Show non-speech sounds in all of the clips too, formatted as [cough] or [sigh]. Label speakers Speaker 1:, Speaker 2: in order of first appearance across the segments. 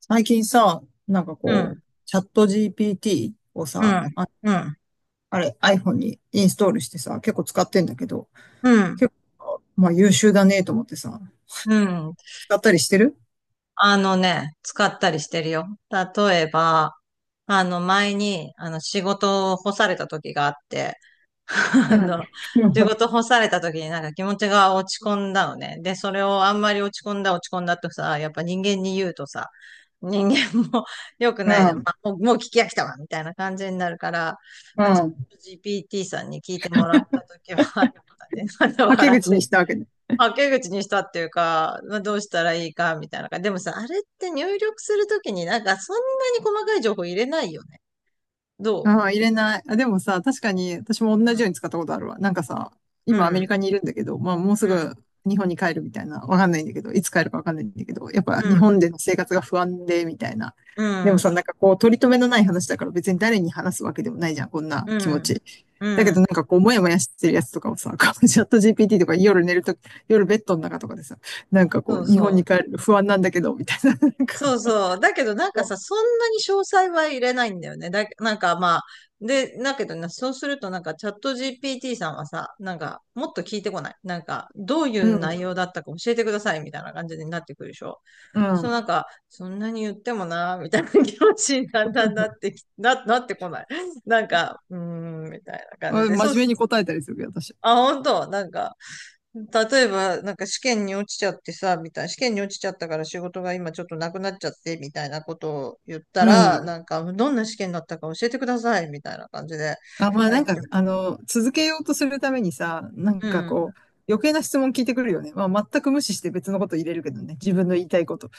Speaker 1: 最近さ、なんか
Speaker 2: う
Speaker 1: こ
Speaker 2: ん、
Speaker 1: う、チャット GPT を
Speaker 2: う
Speaker 1: さ、
Speaker 2: ん、うん、
Speaker 1: あれ iPhone にインストールしてさ、結構使ってんだけど、
Speaker 2: うん、
Speaker 1: 結構、まあ優秀だねと思ってさ、
Speaker 2: うん。
Speaker 1: 使ったりしてる。
Speaker 2: あのね、使ったりしてるよ。例えば、前に、仕事を干された時があって、[laughs]
Speaker 1: う
Speaker 2: あ
Speaker 1: ん。
Speaker 2: の、仕
Speaker 1: [laughs]
Speaker 2: 事干された時になんか気持ちが落ち込んだのね。で、それをあんまり落ち込んだ落ち込んだとさ、やっぱ人間に言うとさ、人間も [laughs] 良く
Speaker 1: う
Speaker 2: ない
Speaker 1: ん。
Speaker 2: じゃん。
Speaker 1: う
Speaker 2: ま
Speaker 1: ん。
Speaker 2: あ、もう、もう聞き飽きたわ、みたいな感じになるから、
Speaker 1: う
Speaker 2: まあ、ちょ
Speaker 1: ん。
Speaker 2: っと GPT さんに聞いてもらった時はあったね。[laughs] また
Speaker 1: はけ
Speaker 2: 笑っ
Speaker 1: 口に
Speaker 2: て
Speaker 1: したわけね。
Speaker 2: はけ口にしたっていうか、まあ、どうしたらいいかみたいな感じ。でもさ、あれって入力するときになんかそんなに細かい情報入れないよね。ど
Speaker 1: ああ、入れない。あ、でもさ、確かに私も同じよう
Speaker 2: う
Speaker 1: に使ったことあるわ。なんかさ、
Speaker 2: う
Speaker 1: 今アメリ
Speaker 2: ん。
Speaker 1: カにいるんだけど、まあもう
Speaker 2: う
Speaker 1: す
Speaker 2: ん。
Speaker 1: ぐ日本に帰るみたいな、わかんないんだけど、いつ帰るかわかんないんだけど、やっぱ
Speaker 2: う
Speaker 1: 日本
Speaker 2: ん。
Speaker 1: での生活が不安で、みたいな。
Speaker 2: う
Speaker 1: でも
Speaker 2: ん。
Speaker 1: さ、なんかこう、取り留めのない話だから別に誰に話すわけでもないじゃん、こんな
Speaker 2: う
Speaker 1: 気持
Speaker 2: ん。
Speaker 1: ち。だ
Speaker 2: う
Speaker 1: けどな
Speaker 2: ん。
Speaker 1: んかこう、もやもやしてるやつとかをさ、こう [laughs] チャット GPT とか夜寝るとき、夜ベッドの中とかでさ、なんか
Speaker 2: そ
Speaker 1: こ
Speaker 2: う
Speaker 1: う、日本に
Speaker 2: そ
Speaker 1: 帰
Speaker 2: う。
Speaker 1: るの不安なんだけど、みたいな。なんか
Speaker 2: そうそう。だけどなんか
Speaker 1: こ
Speaker 2: さ、そんなに詳細は入れないんだよね。なんかまあ、で、だけどね、そうするとなんかチャット GPT さんはさ、なんかもっと聞いてこない。なんか、どうい
Speaker 1: う、
Speaker 2: う
Speaker 1: うん、
Speaker 2: 内容だったか教えてくださいみたいな感じになってくるでしょ。
Speaker 1: う
Speaker 2: そのな
Speaker 1: ん。
Speaker 2: んか、そんなに言ってもな、みたいな気持ちにだんだんなってき、[laughs] なってこない。なんか、うーん、みたいな感
Speaker 1: あ、
Speaker 2: じ
Speaker 1: 真
Speaker 2: で。そうっ
Speaker 1: 面目に
Speaker 2: す。
Speaker 1: 答えたりするけど、私。
Speaker 2: あ、本当なんか、例えば、なんか試験に落ちちゃってさ、みたいな、試験に落ちちゃったから仕事が今ちょっとなくなっちゃって、みたいなことを言った
Speaker 1: う
Speaker 2: ら、
Speaker 1: ん。
Speaker 2: なんか、どんな試験だったか教えてください、みたいな感じで。
Speaker 1: あ、まあ
Speaker 2: は
Speaker 1: な
Speaker 2: い。
Speaker 1: んか、あの、続けようとするためにさ、なん
Speaker 2: う
Speaker 1: か
Speaker 2: ん。
Speaker 1: こう、余計な質問聞いてくるよね。まあ全く無視して別のこと入れるけどね。自分の言いたいこと。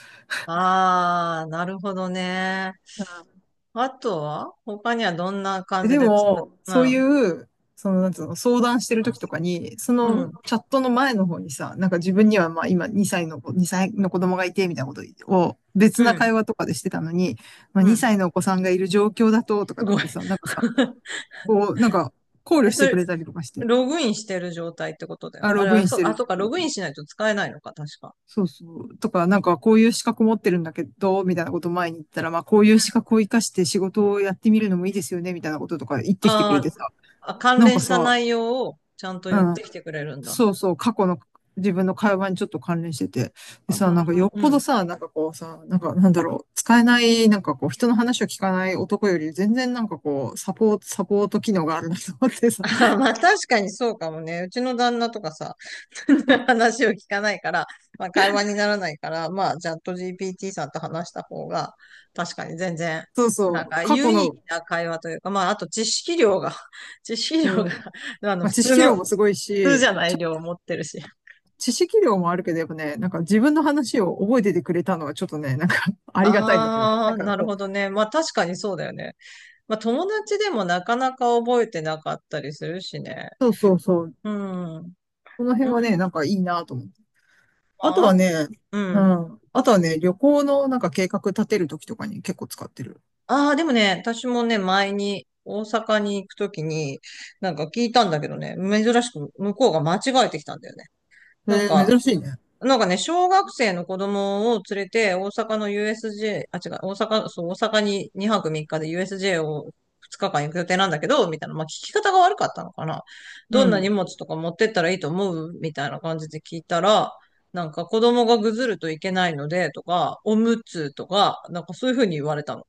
Speaker 2: ああ、なるほどね。
Speaker 1: うん。
Speaker 2: あとは他にはどんな感じ
Speaker 1: で
Speaker 2: で
Speaker 1: も、
Speaker 2: う
Speaker 1: そう
Speaker 2: ん。
Speaker 1: いう、その、なんつうの、相談してる時とかに、そ
Speaker 2: う
Speaker 1: の
Speaker 2: ん。
Speaker 1: チャットの前の方にさ、なんか自分にはまあ今2歳の子供がいて、みたいなことを別
Speaker 2: う
Speaker 1: な
Speaker 2: ん。
Speaker 1: 会話とかでしてたのに、まあ
Speaker 2: うん、
Speaker 1: 2歳のお子さんがいる状況だと、とか
Speaker 2: す
Speaker 1: っ
Speaker 2: ごい。
Speaker 1: てさ、なんかさ、
Speaker 2: [laughs]
Speaker 1: こう、なんか考
Speaker 2: え、
Speaker 1: 慮し
Speaker 2: そ
Speaker 1: てく
Speaker 2: れ、
Speaker 1: れたりとかして、
Speaker 2: ログインしてる状態ってことだよ
Speaker 1: あ、
Speaker 2: ね。あ
Speaker 1: ロ
Speaker 2: れ
Speaker 1: グイ
Speaker 2: は、
Speaker 1: ンし
Speaker 2: そう、
Speaker 1: て
Speaker 2: あ、
Speaker 1: る。
Speaker 2: そうか、ログインしないと使えないのか、確か。
Speaker 1: そうそう。とか、な
Speaker 2: う
Speaker 1: ん
Speaker 2: ん
Speaker 1: かこういう資格持ってるんだけど、みたいなことを前に言ったら、まあこういう資格を活かして仕事をやってみるのもいいですよね、みたいなこととか言ってきてく
Speaker 2: あ
Speaker 1: れて
Speaker 2: ー
Speaker 1: さ。
Speaker 2: あ、関
Speaker 1: なん
Speaker 2: 連
Speaker 1: か
Speaker 2: した
Speaker 1: さ、
Speaker 2: 内容をちゃんと
Speaker 1: う
Speaker 2: 言って
Speaker 1: ん。
Speaker 2: きてくれるんだ。
Speaker 1: そうそう、過去の自分の会話にちょっと関連してて。
Speaker 2: あ
Speaker 1: でさ、なんかよ
Speaker 2: あ、
Speaker 1: っ
Speaker 2: う
Speaker 1: ぽど
Speaker 2: ん。
Speaker 1: さ、なんかこうさ、なんかなんだろう、使えない、なんかこう人の話を聞かない男より全然なんかこう、サポート機能があるなと思って
Speaker 2: [laughs]
Speaker 1: さ。
Speaker 2: あーまあ確かにそうかもね。うちの旦那とかさ、[laughs] 話を聞かないから、まあ会話にならないから、まあチャット GPT さんと話した方が、確かに全然、
Speaker 1: そうそ
Speaker 2: なん
Speaker 1: う、
Speaker 2: か
Speaker 1: 過
Speaker 2: 有
Speaker 1: 去
Speaker 2: 意義
Speaker 1: の、
Speaker 2: な会話というか、まああと知識量が、[laughs] 知識
Speaker 1: う
Speaker 2: 量が、
Speaker 1: ん。
Speaker 2: [laughs] あの
Speaker 1: まあ
Speaker 2: 普
Speaker 1: 知
Speaker 2: 通
Speaker 1: 識
Speaker 2: の、
Speaker 1: 量
Speaker 2: 普
Speaker 1: もすごい
Speaker 2: 通じゃ
Speaker 1: し、
Speaker 2: ない量持ってるし。
Speaker 1: 知識量もあるけど、やっぱね、なんか自分の話を覚えててくれたのはちょっとね、なんか [laughs] ありがたいなと思った。
Speaker 2: あ
Speaker 1: な
Speaker 2: あ、
Speaker 1: んか
Speaker 2: なる
Speaker 1: こ
Speaker 2: ほ
Speaker 1: う、
Speaker 2: どね。まあ確かにそうだよね。まあ友達でもなかなか覚えてなかったりするしね。
Speaker 1: そうそうそう。
Speaker 2: うん。うん。
Speaker 1: この辺はね、なんかいいなと思って。あと
Speaker 2: まあ、
Speaker 1: はね、
Speaker 2: う
Speaker 1: う
Speaker 2: ん。
Speaker 1: ん。あとはね、旅行のなんか計画立てるときとかに結構使ってる。
Speaker 2: ああ、でもね、私もね、前に大阪に行くときに、なんか聞いたんだけどね、珍しく向こうが間違えてきたんだよね。
Speaker 1: え
Speaker 2: なん
Speaker 1: ー、
Speaker 2: か、
Speaker 1: 珍しいね。
Speaker 2: なんかね、小学生の子供を連れて、大阪の USJ、あ、違う、大阪、そう、大阪に2泊3日で USJ を2日間行く予定なんだけど、みたいな、まあ聞き方が悪かったのかな。
Speaker 1: う
Speaker 2: どんな
Speaker 1: ん。
Speaker 2: 荷物とか持ってったらいいと思うみたいな感じで聞いたら、なんか子供がぐずるといけないので、とか、おむつとか、なんかそういうふうに言われたの。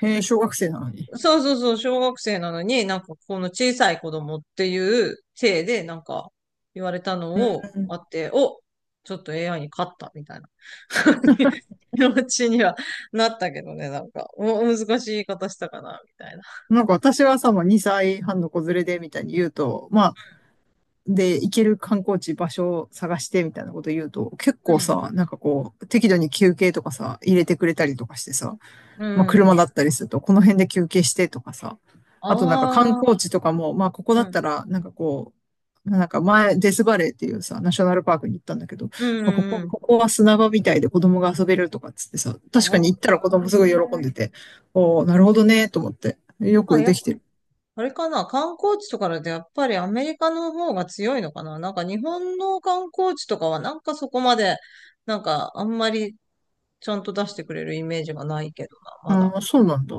Speaker 1: へえ、小学生なのに。
Speaker 2: そうそうそう、小学生なのに、なんかこの小さい子供っていう体で、なんか言われたのをあって、お、ちょっと AI に勝ったみたいな [laughs] 気持ちにはなったけどね、なんか、お、難しい言い方したかな、みたいな。
Speaker 1: なんか私はさ、もう2歳半の子連れでみたいに言うと、まあ、で、行ける観光地、場所を探してみたいなこと言うと、結構さ、なんかこう、適度に休憩とかさ、入れてくれたりとかしてさ、
Speaker 2: う
Speaker 1: まあ、
Speaker 2: ん。う
Speaker 1: 車だ
Speaker 2: ん。
Speaker 1: ったりすると、この辺で休憩してとかさ、あとなんか観
Speaker 2: ああ、
Speaker 1: 光地とかも、まあ、ここだ
Speaker 2: う
Speaker 1: っ
Speaker 2: ん、
Speaker 1: たら、なんかこう、なんか前、デスバレーっていうさ、ナショナルパークに行ったんだけど、
Speaker 2: うん、
Speaker 1: まあ、こ
Speaker 2: う
Speaker 1: こ、
Speaker 2: ん。うん
Speaker 1: ここは砂場みたいで子供が遊べるとかっつってさ、確
Speaker 2: あ
Speaker 1: かに行った
Speaker 2: あ
Speaker 1: ら
Speaker 2: な
Speaker 1: 子
Speaker 2: る
Speaker 1: 供
Speaker 2: ほ
Speaker 1: す
Speaker 2: ど
Speaker 1: ごい喜ん
Speaker 2: ね。
Speaker 1: でて、おー、なるほどね、と思って。よ
Speaker 2: まあ、
Speaker 1: くできてる。
Speaker 2: あれかな、観光地とかだとやっぱりアメリカの方が強いのかな。なんか日本の観光地とかはなんかそこまで、なんかあんまりちゃんと出してくれるイメージがないけどな、まだ。
Speaker 1: うん、そうなんだ。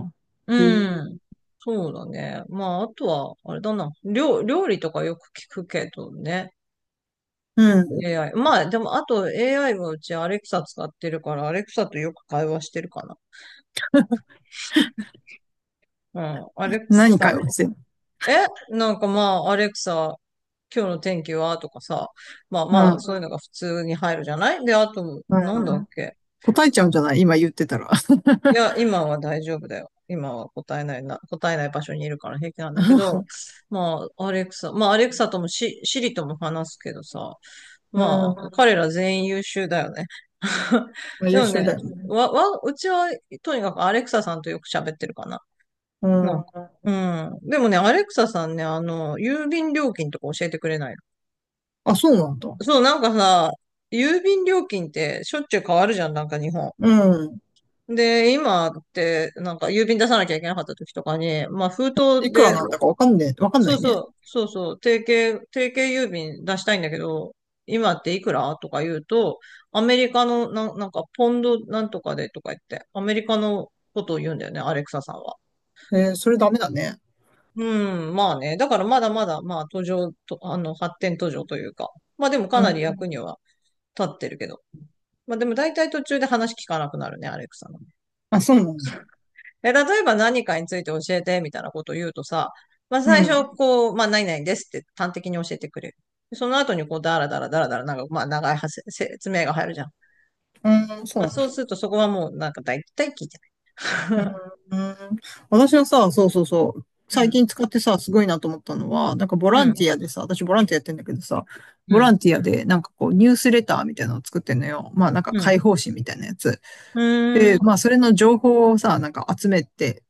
Speaker 1: へ
Speaker 2: う
Speaker 1: ー。
Speaker 2: ん。そうだね。まあ、あとは、あれだな。料理とかよく聞くけどね。
Speaker 1: うん。
Speaker 2: AI。まあ、でも、あと AI はうちアレクサ使ってるから、アレクサとよく会話してるかな。うん。アレク
Speaker 1: 何
Speaker 2: サ
Speaker 1: 会話してんの？
Speaker 2: え、なんかまあ、アレクサ、今日の天気はとかさ、まあまあ、そういうのが普通に入るじゃないで、あと、
Speaker 1: うん、
Speaker 2: なんだ
Speaker 1: う
Speaker 2: っ
Speaker 1: ん。
Speaker 2: け
Speaker 1: 答えちゃうんじゃない今言ってたら。[laughs]
Speaker 2: いや、今は大丈夫だよ。今は答えないな、答えない場所にいるから平気なんだけど、まあ、アレクサ、まあ、アレクサともシリとも話すけどさ、
Speaker 1: う
Speaker 2: まあ、
Speaker 1: ん。
Speaker 2: 彼ら全員優秀だよね。[laughs]
Speaker 1: まあ、
Speaker 2: で
Speaker 1: 優
Speaker 2: も
Speaker 1: 秀
Speaker 2: ね、
Speaker 1: だよね。
Speaker 2: うちは、とにかくアレクサさんとよく喋ってるかな。
Speaker 1: う
Speaker 2: なん
Speaker 1: ん。
Speaker 2: かうん。でもね、アレクサさんね、郵便料金とか教えてくれないの
Speaker 1: あ、そうなんだ。
Speaker 2: そう、なんかさ、郵便料金ってしょっちゅう変わるじゃん、なんか日本。
Speaker 1: うん。
Speaker 2: で、今って、なんか郵便出さなきゃいけなかった時とかに、まあ封筒
Speaker 1: いくら
Speaker 2: で、
Speaker 1: なんだかわかんねえ、わかんな
Speaker 2: そう
Speaker 1: い
Speaker 2: そ
Speaker 1: ね。
Speaker 2: う、そうそう、定型郵便出したいんだけど、今っていくらとか言うと、アメリカのなんかポンドなんとかでとか言って、アメリカのことを言うんだよね、アレクサさんは。
Speaker 1: えー、それダメだね。
Speaker 2: うん、まあね。だからまだまだ、まあ途上と、あの、発展途上というか、まあでもか
Speaker 1: う
Speaker 2: なり役に
Speaker 1: ん。
Speaker 2: は立ってるけど。まあでも大体途中で話聞かなくなるね、アレクサの。
Speaker 1: あ、そうなんだ。
Speaker 2: え、例えば何かについて教えて、みたいなことを言うとさ、まあ
Speaker 1: う
Speaker 2: 最
Speaker 1: ん。
Speaker 2: 初、こう、まあ何々ですって端的に教えてくれる。その後にこう、だらだらだらだら、なんか、まあ長い説明が入るじゃん。
Speaker 1: うん、そう
Speaker 2: まあ
Speaker 1: なん
Speaker 2: そう
Speaker 1: だ。
Speaker 2: するとそこはもうなんか大体聞いてない。
Speaker 1: うん。うん。私はさ、そうそうそう。
Speaker 2: [laughs] う
Speaker 1: 最
Speaker 2: ん、
Speaker 1: 近使ってさ、すごいなと思ったのは、なんかボ
Speaker 2: う
Speaker 1: ラン
Speaker 2: ん、
Speaker 1: ティアでさ、私ボランティアやってんだけどさ、
Speaker 2: う
Speaker 1: ボラ
Speaker 2: ん、
Speaker 1: ンティアでなんかこうニュースレターみたいなのを作ってんのよ。まあなんか
Speaker 2: う
Speaker 1: 解
Speaker 2: ん、
Speaker 1: 放誌みたいなやつ。
Speaker 2: うん、う
Speaker 1: で、
Speaker 2: ん、
Speaker 1: まあそれの情報をさ、なんか集めて、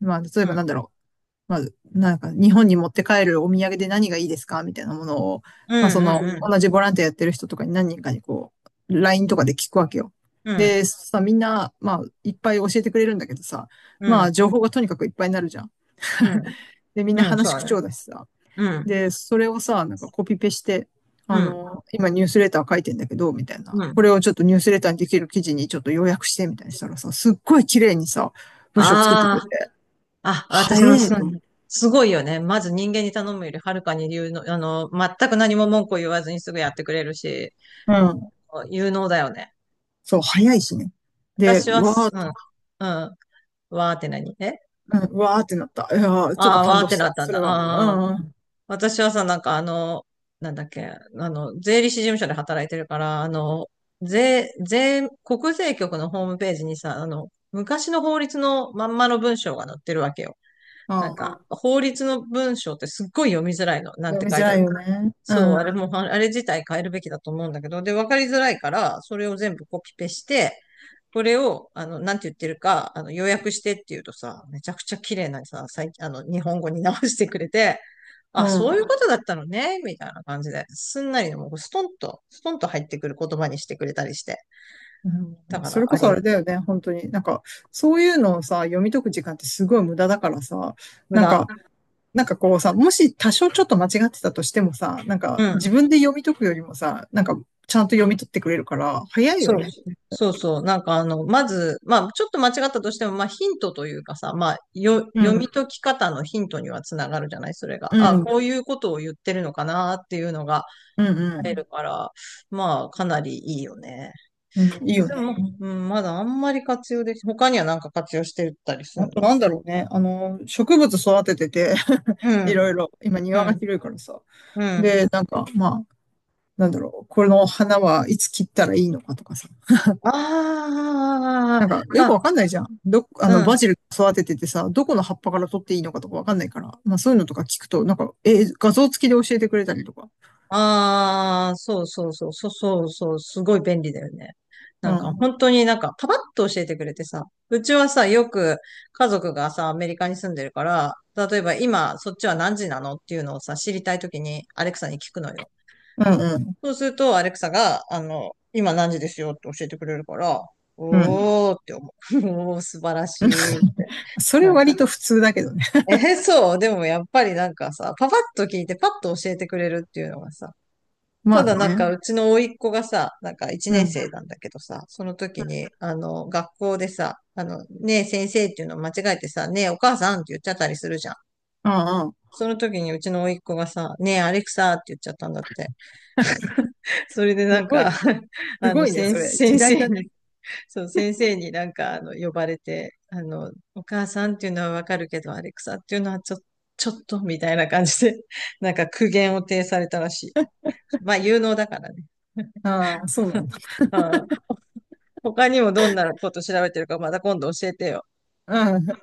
Speaker 1: まあ例え
Speaker 2: う
Speaker 1: ば
Speaker 2: ん、
Speaker 1: なんだろう。まあ、なんか日本に持って帰るお土産で何がいいですかみたいなものを、
Speaker 2: う
Speaker 1: まあその、
Speaker 2: ん、
Speaker 1: 同じボランティアやってる人とかに何人かにこう、LINE とかで聞くわけよ。
Speaker 2: うん、うん、
Speaker 1: で、さ、みんな、まあ、いっぱい教えてくれるんだけどさ、
Speaker 2: う
Speaker 1: ま
Speaker 2: ん、
Speaker 1: あ、情報がとにかくいっぱいになるじゃん。
Speaker 2: うん、
Speaker 1: [laughs] で、みんな
Speaker 2: うんそう
Speaker 1: 話口
Speaker 2: だね。
Speaker 1: 調だしさ。
Speaker 2: うん、
Speaker 1: で、それをさ、なんかコピペして、
Speaker 2: う
Speaker 1: あ
Speaker 2: ん、
Speaker 1: の、今ニュースレター書いてんだけど、みたいな。
Speaker 2: う
Speaker 1: こ
Speaker 2: ん。
Speaker 1: れをちょっとニュースレターにできる記事にちょっと要約して、みたいにしたらさ、すっごい綺麗にさ、文章作ってくれ
Speaker 2: あ
Speaker 1: て、
Speaker 2: あ、あ、私も
Speaker 1: 早え
Speaker 2: そう
Speaker 1: と思っ
Speaker 2: ね。
Speaker 1: て。
Speaker 2: すごいよね。まず人間に頼むよりはるかに有能、全く何も文句を言わずにすぐやってくれるし、
Speaker 1: うん。
Speaker 2: 有能だよね。
Speaker 1: そう、早いしね。で、
Speaker 2: 私は
Speaker 1: わー
Speaker 2: す、
Speaker 1: っ
Speaker 2: うん、
Speaker 1: と、
Speaker 2: うん、わーって何え
Speaker 1: うん、わーってなった。いやー、ちょっと
Speaker 2: ああー、わ
Speaker 1: 感
Speaker 2: ー
Speaker 1: 動
Speaker 2: って
Speaker 1: し
Speaker 2: なっ
Speaker 1: た。
Speaker 2: たん
Speaker 1: それ
Speaker 2: だ。
Speaker 1: は。う
Speaker 2: ああ、
Speaker 1: ん、うん。
Speaker 2: 私はさ、なんかなんだっけ、税理士事務所で働いてるから、国税局のホームページにさ、昔の法律のまんまの文章が載ってるわけよ。
Speaker 1: あ
Speaker 2: なん
Speaker 1: ー。
Speaker 2: か、法律の文章ってすっごい読みづらいの。なん
Speaker 1: 読
Speaker 2: て
Speaker 1: み
Speaker 2: 書
Speaker 1: づ
Speaker 2: いてあ
Speaker 1: らい
Speaker 2: る
Speaker 1: よ
Speaker 2: か。
Speaker 1: ね。う
Speaker 2: そう、あれ
Speaker 1: ん。
Speaker 2: も、ああれ自体変えるべきだと思うんだけど、で、わかりづらいから、それを全部コピペして、これを、なんて言ってるか、要約してって言うとさ、めちゃくちゃ綺麗なさ、最近、日本語に直してくれて、
Speaker 1: う
Speaker 2: あ、そういう
Speaker 1: ん。
Speaker 2: ことだったのね、みたいな感じで、すんなりもうストンと、ストンと入ってくる言葉にしてくれたりして。
Speaker 1: う
Speaker 2: だ
Speaker 1: ん。
Speaker 2: か
Speaker 1: そ
Speaker 2: ら、
Speaker 1: れ
Speaker 2: あ
Speaker 1: こそ
Speaker 2: れ、
Speaker 1: あれだよね、本当に。なんか、そういうのをさ、読み解く時間ってすごい無駄だからさ、
Speaker 2: 無
Speaker 1: なん
Speaker 2: 駄。
Speaker 1: か、なんかこうさ、もし多少ちょっと間違ってたとしてもさ、なん
Speaker 2: う
Speaker 1: か自
Speaker 2: ん。
Speaker 1: 分で読み解くよりもさ、なんかちゃんと読み取ってくれるから、早い
Speaker 2: そ
Speaker 1: よ
Speaker 2: う、
Speaker 1: ね。
Speaker 2: そうそう。なんかまず、まあ、ちょっと間違ったとしても、まあ、ヒントというかさ、まあ、
Speaker 1: う
Speaker 2: 読み
Speaker 1: ん、
Speaker 2: 解き方のヒントにはつながるじゃないそれが。
Speaker 1: う
Speaker 2: あ、
Speaker 1: ん、う
Speaker 2: こう
Speaker 1: ん、
Speaker 2: いうことを言ってるのかなっていうのが
Speaker 1: う
Speaker 2: 入る
Speaker 1: ん、
Speaker 2: から、まあ、かなりいいよね。
Speaker 1: うん、いい
Speaker 2: あ
Speaker 1: よ
Speaker 2: で
Speaker 1: ね。
Speaker 2: も、うん、まだあんまり活用でき、他にはなんか活用してたりす
Speaker 1: あ
Speaker 2: る
Speaker 1: と
Speaker 2: の
Speaker 1: なんだろうね。あの、植物育ててて
Speaker 2: う
Speaker 1: [laughs] い
Speaker 2: ん、
Speaker 1: ろいろ、今
Speaker 2: う
Speaker 1: 庭が
Speaker 2: ん、
Speaker 1: 広いからさ。
Speaker 2: うん。
Speaker 1: で、なんか、まあ、なんだろう、この花はいつ切ったらいいのかとかさ。
Speaker 2: ああ、
Speaker 1: なんか、よ
Speaker 2: ま
Speaker 1: く
Speaker 2: あ、
Speaker 1: わかんないじゃん。あ
Speaker 2: う
Speaker 1: の、バ
Speaker 2: ん。
Speaker 1: ジル育てててさ、どこの葉っぱから取っていいのかとかわかんないから。まあ、そういうのとか聞くと、なんか、え、画像付きで教えてくれたりとか。
Speaker 2: ああ、そうそうそう、そうそうそう、すごい便利だよね。な
Speaker 1: う
Speaker 2: んか
Speaker 1: ん。
Speaker 2: 本当になんかパパッと教えてくれてさ、うちはさ、よく家族がさ、アメリカに住んでるから、例えば今そっちは何時なのっていうのをさ、知りたいときにアレクサに聞くのよ。
Speaker 1: うんうん。
Speaker 2: そうするとアレクサが、今何時ですよって教えてくれるから、
Speaker 1: うん。
Speaker 2: おーって思う。[laughs] おー、素晴らしいって。
Speaker 1: [laughs] それ
Speaker 2: なんか、
Speaker 1: 割と普通だけどね。
Speaker 2: そう、でもやっぱりなんかさ、パパッと聞いてパッと教えてくれるっていうのがさ、
Speaker 1: ま
Speaker 2: た
Speaker 1: あ
Speaker 2: だなん
Speaker 1: ね。
Speaker 2: かうちの甥っ子がさ、なんか一
Speaker 1: う
Speaker 2: 年
Speaker 1: ん。
Speaker 2: 生なんだけどさ、その時に、学校でさ、ねえ先生っていうのを間違えてさ、ねえお母さんって言っちゃったりするじゃん。
Speaker 1: うんうん。
Speaker 2: その時にうちの甥っ子がさ、ねえアレクサって言っちゃったんだって。それでな
Speaker 1: す
Speaker 2: ん
Speaker 1: ごい
Speaker 2: か
Speaker 1: ね。
Speaker 2: [laughs]
Speaker 1: すごいね、それ。時
Speaker 2: 先
Speaker 1: 代
Speaker 2: 生
Speaker 1: だね。
Speaker 2: に、そう、先生になんか呼ばれて、お母さんっていうのはわかるけど、アレクサっていうのはちょっと、ちょっとみたいな感じで、なんか苦言を呈されたらしい。まあ、有能だからね。
Speaker 1: ああ、そうなんだ。
Speaker 2: [laughs] 他にもどんなこと調べてるかまた今度教えてよ。
Speaker 1: うん。